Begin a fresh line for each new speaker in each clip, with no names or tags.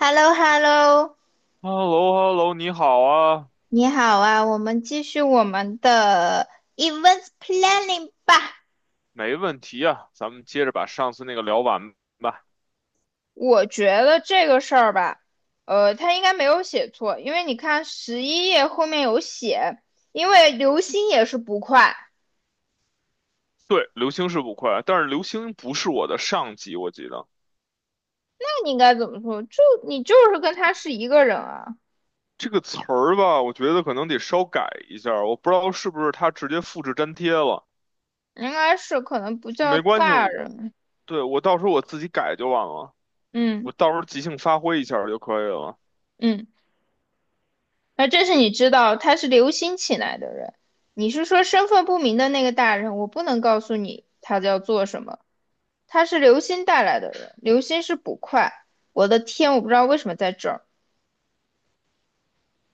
h e l l o h e l l o
h e l l o h e l l o 你好啊，
你好啊，我们继续我们的 events planning 吧。
没问题啊，咱们接着把上次那个聊完吧。
我觉得这个事儿吧，他应该没有写错，因为你看11页后面有写，因为刘星也是不快，
对，刘星是捕快啊，但是刘星不是我的上级，我记得
那你应该怎么说？就你就是跟他是一个人啊，
这个词儿吧，我觉得可能得稍改一下儿，我不知道是不是他直接复制粘贴了。
应该是可能不叫
没关系，
大人，
对，我到时候我自己改就完了，
嗯
我到时候即兴发挥一下儿就可以了。
嗯，那这是你知道他是刘星请来的人。你是说身份不明的那个大人？我不能告诉你他要做什么，他是刘星带来的人，刘星是捕快。我的天，我不知道为什么在这儿。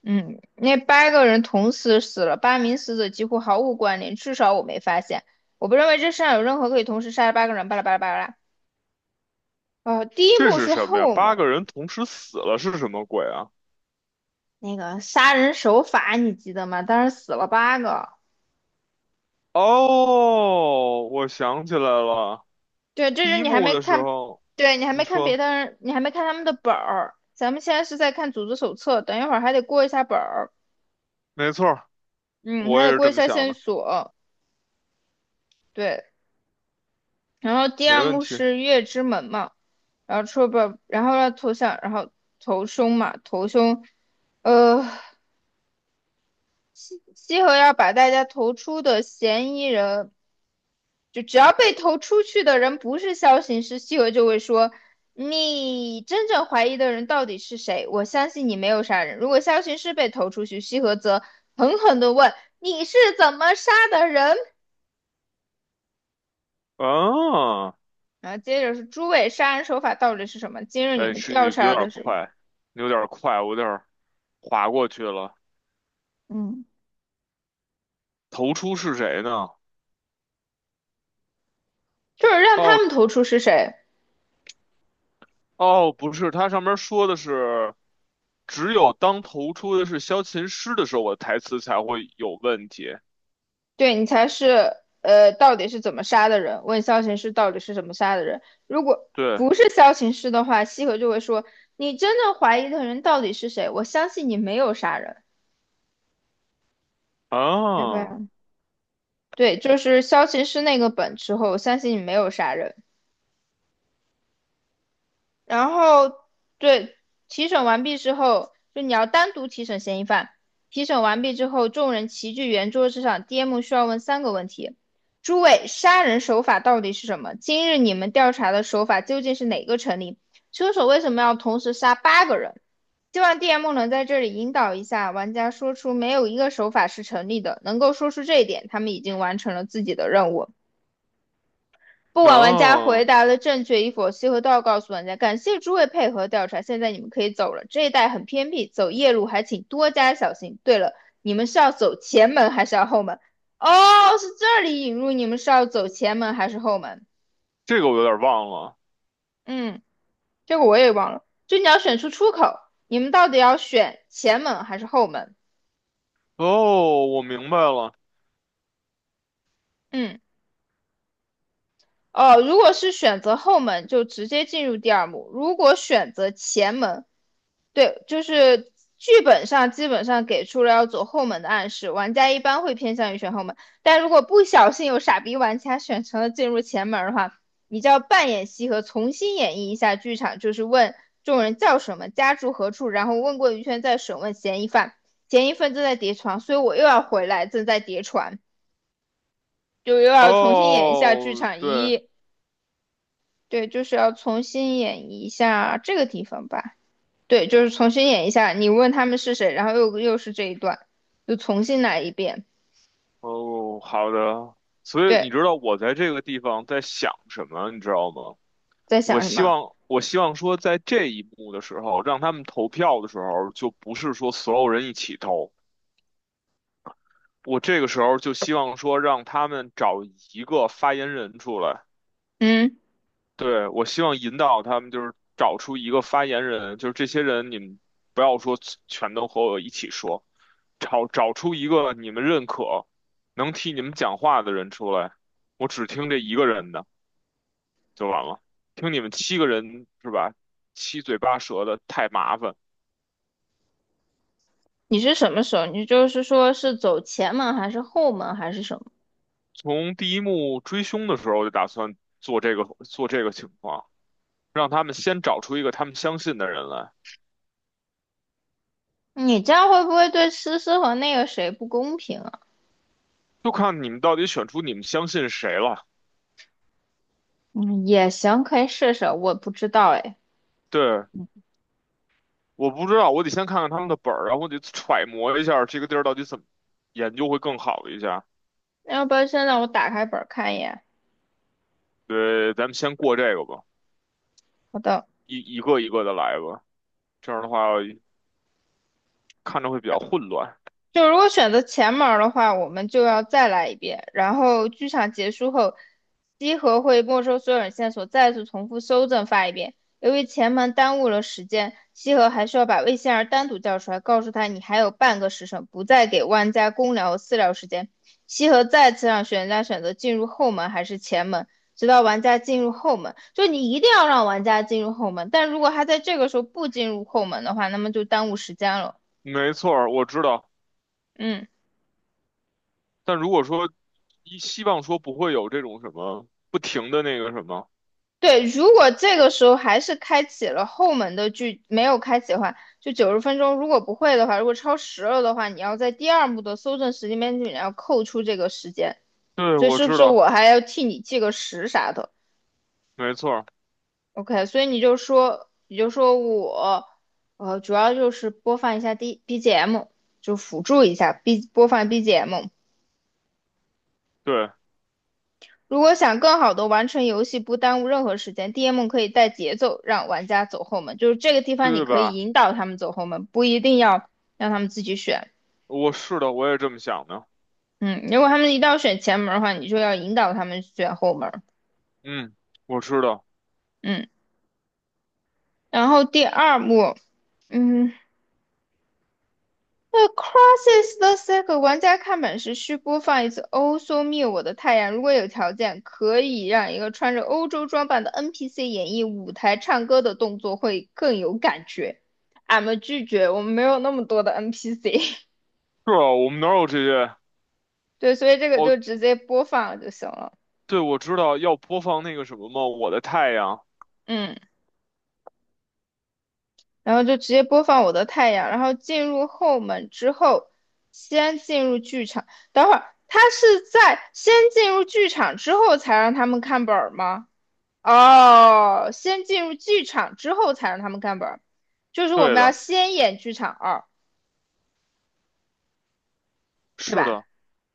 嗯，那八个人同时死了，8名死者几乎毫无关联，至少我没发现。我不认为这世上有任何可以同时杀了八个人。巴拉巴拉巴拉。哦，第一
这
幕
是
是
什么呀？
后
八
门
个人同时死了是什么鬼啊？
那个杀人手法，你记得吗？当时死了八个。
哦，我想起来了，
对，这
第
是
一
你还
幕
没
的时
看，
候，
对你还
你
没看别
说。
的人，你还没看他们的本儿。咱们现在是在看组织手册，等一会儿还得过一下本儿，
没错儿，
嗯，
我
还
也
得
是
过一
这么
下
想
线
的，
索。对，然后第
没
二
问
幕
题。
是月之门嘛，然后出不，然后要投降，然后投凶嘛，投凶，呃，西河要把大家投出的嫌疑人，就只要被投出去的人不是萧行师，西河就会说，你真正怀疑的人到底是谁？我相信你没有杀人。如果萧行师被投出去，西河则狠狠地问，你是怎么杀的人？
啊，
然后接着是诸位杀人手法到底是什么？今日你
哎，
们
是你
调
有
查
点
的是，
快，你有点快，我有点划过去了。
嗯。
投出是谁呢？
就是让他
哦
们投出是谁，
哦，不是，它上面说的是，只有当投出的是萧琴师的时候，我的台词才会有问题。
对你才是到底是怎么杀的人？问萧琴师到底是怎么杀的人？如果
对，
不是萧琴师的话，西河就会说你真正怀疑的人到底是谁？我相信你没有杀人，对
啊
吧？对，就是萧琴师那个本之后，我相信你没有杀人。然后对提审完毕之后，就你要单独提审嫌疑犯。提审完毕之后，众人齐聚圆桌之上，DM 需要问3个问题：诸位，杀人手法到底是什么？今日你们调查的手法究竟是哪个成立？凶手为什么要同时杀八个人？希望 DM 能在这里引导一下玩家，说出没有一个手法是成立的。能够说出这一点，他们已经完成了自己的任务。不管玩家回
啊，
答的正确与否，西河都要告诉玩家。感谢诸位配合调查，现在你们可以走了。这一带很偏僻，走夜路还请多加小心。对了，你们是要走前门还是要后门？哦，是这里引入，你们是要走前门还是后门？
这个我有点忘了。
嗯，这个我也忘了。就你要选出出口，你们到底要选前门还是后门？
哦，我明白了。
嗯，哦，如果是选择后门，就直接进入第二幕；如果选择前门，对，就是剧本上基本上给出了要走后门的暗示，玩家一般会偏向于选后门，但如果不小心有傻逼玩家选成了进入前门的话，你就要扮演西河，重新演绎一下剧场，就是问众人叫什么，家住何处，然后问过一圈再审问嫌疑犯，嫌疑犯正在叠床，所以我又要回来，正在叠床，就又要重新演一下剧
哦，
场
对，
一，对，就是要重新演一下这个地方吧。对，就是重新演一下，你问他们是谁，然后又是这一段，就重新来一遍。
哦，好的。所以你
对，
知道我在这个地方在想什么，你知道吗？
在
我
想什
希
么？
望，我希望说，在这一幕的时候，让他们投票的时候，就不是说所有人一起投。我这个时候就希望说，让他们找一个发言人出来。
嗯，
对，我希望引导他们，就是找出一个发言人，就是这些人，你们不要说全都和我一起说，找出一个你们认可、能替你们讲话的人出来。我只听这一个人的就完了，听你们七个人是吧？七嘴八舌的太麻烦。
你是什么时候？你就是说是走前门还是后门还是什么？
从第一幕追凶的时候，我就打算做这个情况，让他们先找出一个他们相信的人来，
你这样会不会对思思和那个谁不公平啊？
就看你们到底选出你们相信谁了。
嗯，也行，可以试试。我不知道哎，
对，我不知道，我得先看看他们的本儿，然后我得揣摩一下这个地儿到底怎么研究会更好一下。
要不然现在我打开本儿看一眼。
对，咱们先过这个吧，
好的。
一个一个的来吧，这样的话看着会比较混乱。
就如果选择前门儿的话，我们就要再来一遍。然后剧场结束后，稽核会没收所有人线索，再次重复搜证发一遍。由于前门耽误了时间，西河还需要把魏仙儿单独叫出来，告诉他你还有半个时辰，不再给万家公聊和私聊时间。西河再次让玩家选择进入后门还是前门，直到玩家进入后门。就你一定要让玩家进入后门，但如果他在这个时候不进入后门的话，那么就耽误时间了。
没错儿，我知道。
嗯。
但如果说希望说不会有这种什么不停的那个什么。
对，如果这个时候还是开启了后门的剧，没有开启的话，就90分钟，如果不会的话，如果超时了的话，你要在第二幕的搜证时间边里面要扣除这个时间，
对，
所以
我
是不
知
是
道，
我还要替你记个时啥的
没错儿，
？OK，所以你就说，你就说我，主要就是播放一下 D BGM，就辅助一下 B 播放 BGM，
对，
如果想更好的完成游戏，不耽误任何时间，DM 可以带节奏让玩家走后门，就是这个地方你
对
可以
吧？
引导他们走后门，不一定要让他们自己选。
我是的，我也这么想的。
嗯，如果他们一定要选前门的话，你就要引导他们选后门。
嗯，我知道，
嗯，然后第二幕，嗯，对，crosses the circle，玩家看本时需播放一次《Also Me 我的太阳》。如果有条件，可以让一个穿着欧洲装扮的 NPC 演绎舞台唱歌的动作，会更有感觉。俺们拒绝，我们没有那么多的 NPC。
是啊，我们哪有这些？
对，所以这个
哦，
就直接播放就行了。
对，我知道要播放那个什么吗？我的太阳。
嗯，然后就直接播放我的太阳，然后进入后门之后，先进入剧场。等会儿，他是在先进入剧场之后才让他们看本儿吗？哦，先进入剧场之后才让他们看本儿，就是我
对
们要
的，
先演剧场二，对
是
吧？
的，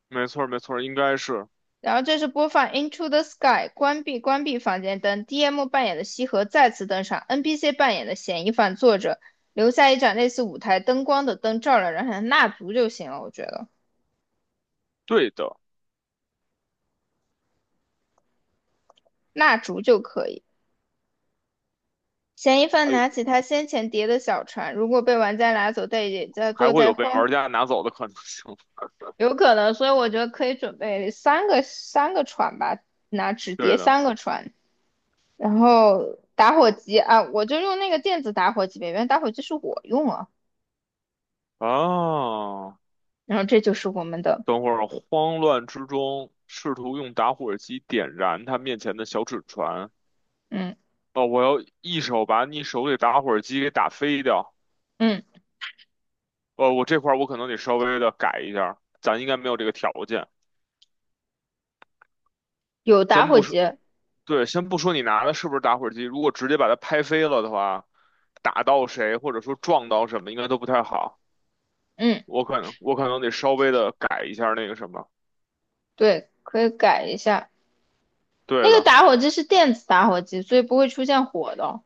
没错儿，没错儿，应该是
然后这是播放《Into the Sky》，关闭房间灯，DM 扮演的西河再次登场，NPC 扮演的嫌疑犯坐着，留下一盏类似舞台灯光的灯照亮人海，蜡烛就行了，我觉得
对的。
蜡烛就可以。嫌疑犯
哎，
拿起他先前叠的小船，如果被玩家拿走，但也在
还
坐
会
在
有被
荒
玩家拿走的可能性。
有可能，所以我觉得可以准备三个船吧，拿纸叠
对的
三个船，然后打火机啊，我就用那个电子打火机呗，原来打火机是我用啊，
啊，
然后这就是我们的，
等会儿慌乱之中试图用打火机点燃他面前的小纸船。
嗯
哦，我要一手把你手里打火机给打飞掉。
嗯，
哦，我这块儿我可能得稍微的改一下儿，咱应该没有这个条件。
有打
咱
火
不
机，
是。对，先不说你拿的是不是打火机，如果直接把它拍飞了的话，打到谁或者说撞到什么，应该都不太好。
嗯，
我可能得稍微的改一下那个什么，
对，可以改一下，那
对
个
的。
打火机是电子打火机，所以不会出现火的哦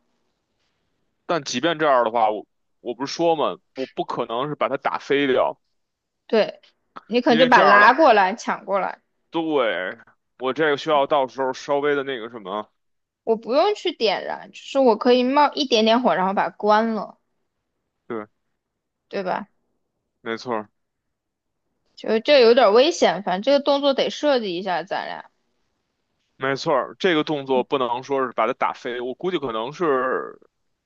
但即便这样的话，我不是说嘛，我不可能是把它打飞掉，
对，你可能
因
就
为
把
这样的，
拉过来抢过来，
对，我这个需要到时候稍微的那个什么。
我不用去点燃，就是我可以冒一点点火，然后把它关了，
对，
对吧？
没错儿，
就是这有点危险，反正这个动作得设计一下，咱俩，
没错儿，这个动作不能说是把它打飞，我估计可能是，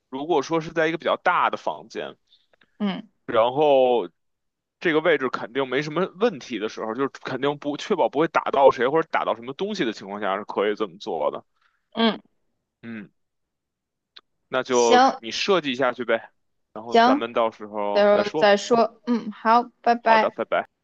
如果说是在一个比较大的房间。
嗯
然后这个位置肯定没什么问题的时候，就是肯定不确保不会打到谁或者打到什么东西的情况下是可以这么做的。
嗯，
嗯，那就
行
你设计一下去呗，然后咱
行，
们到时
到
候再
时候
说。
再说，嗯，好，拜
好的，
拜。
拜拜。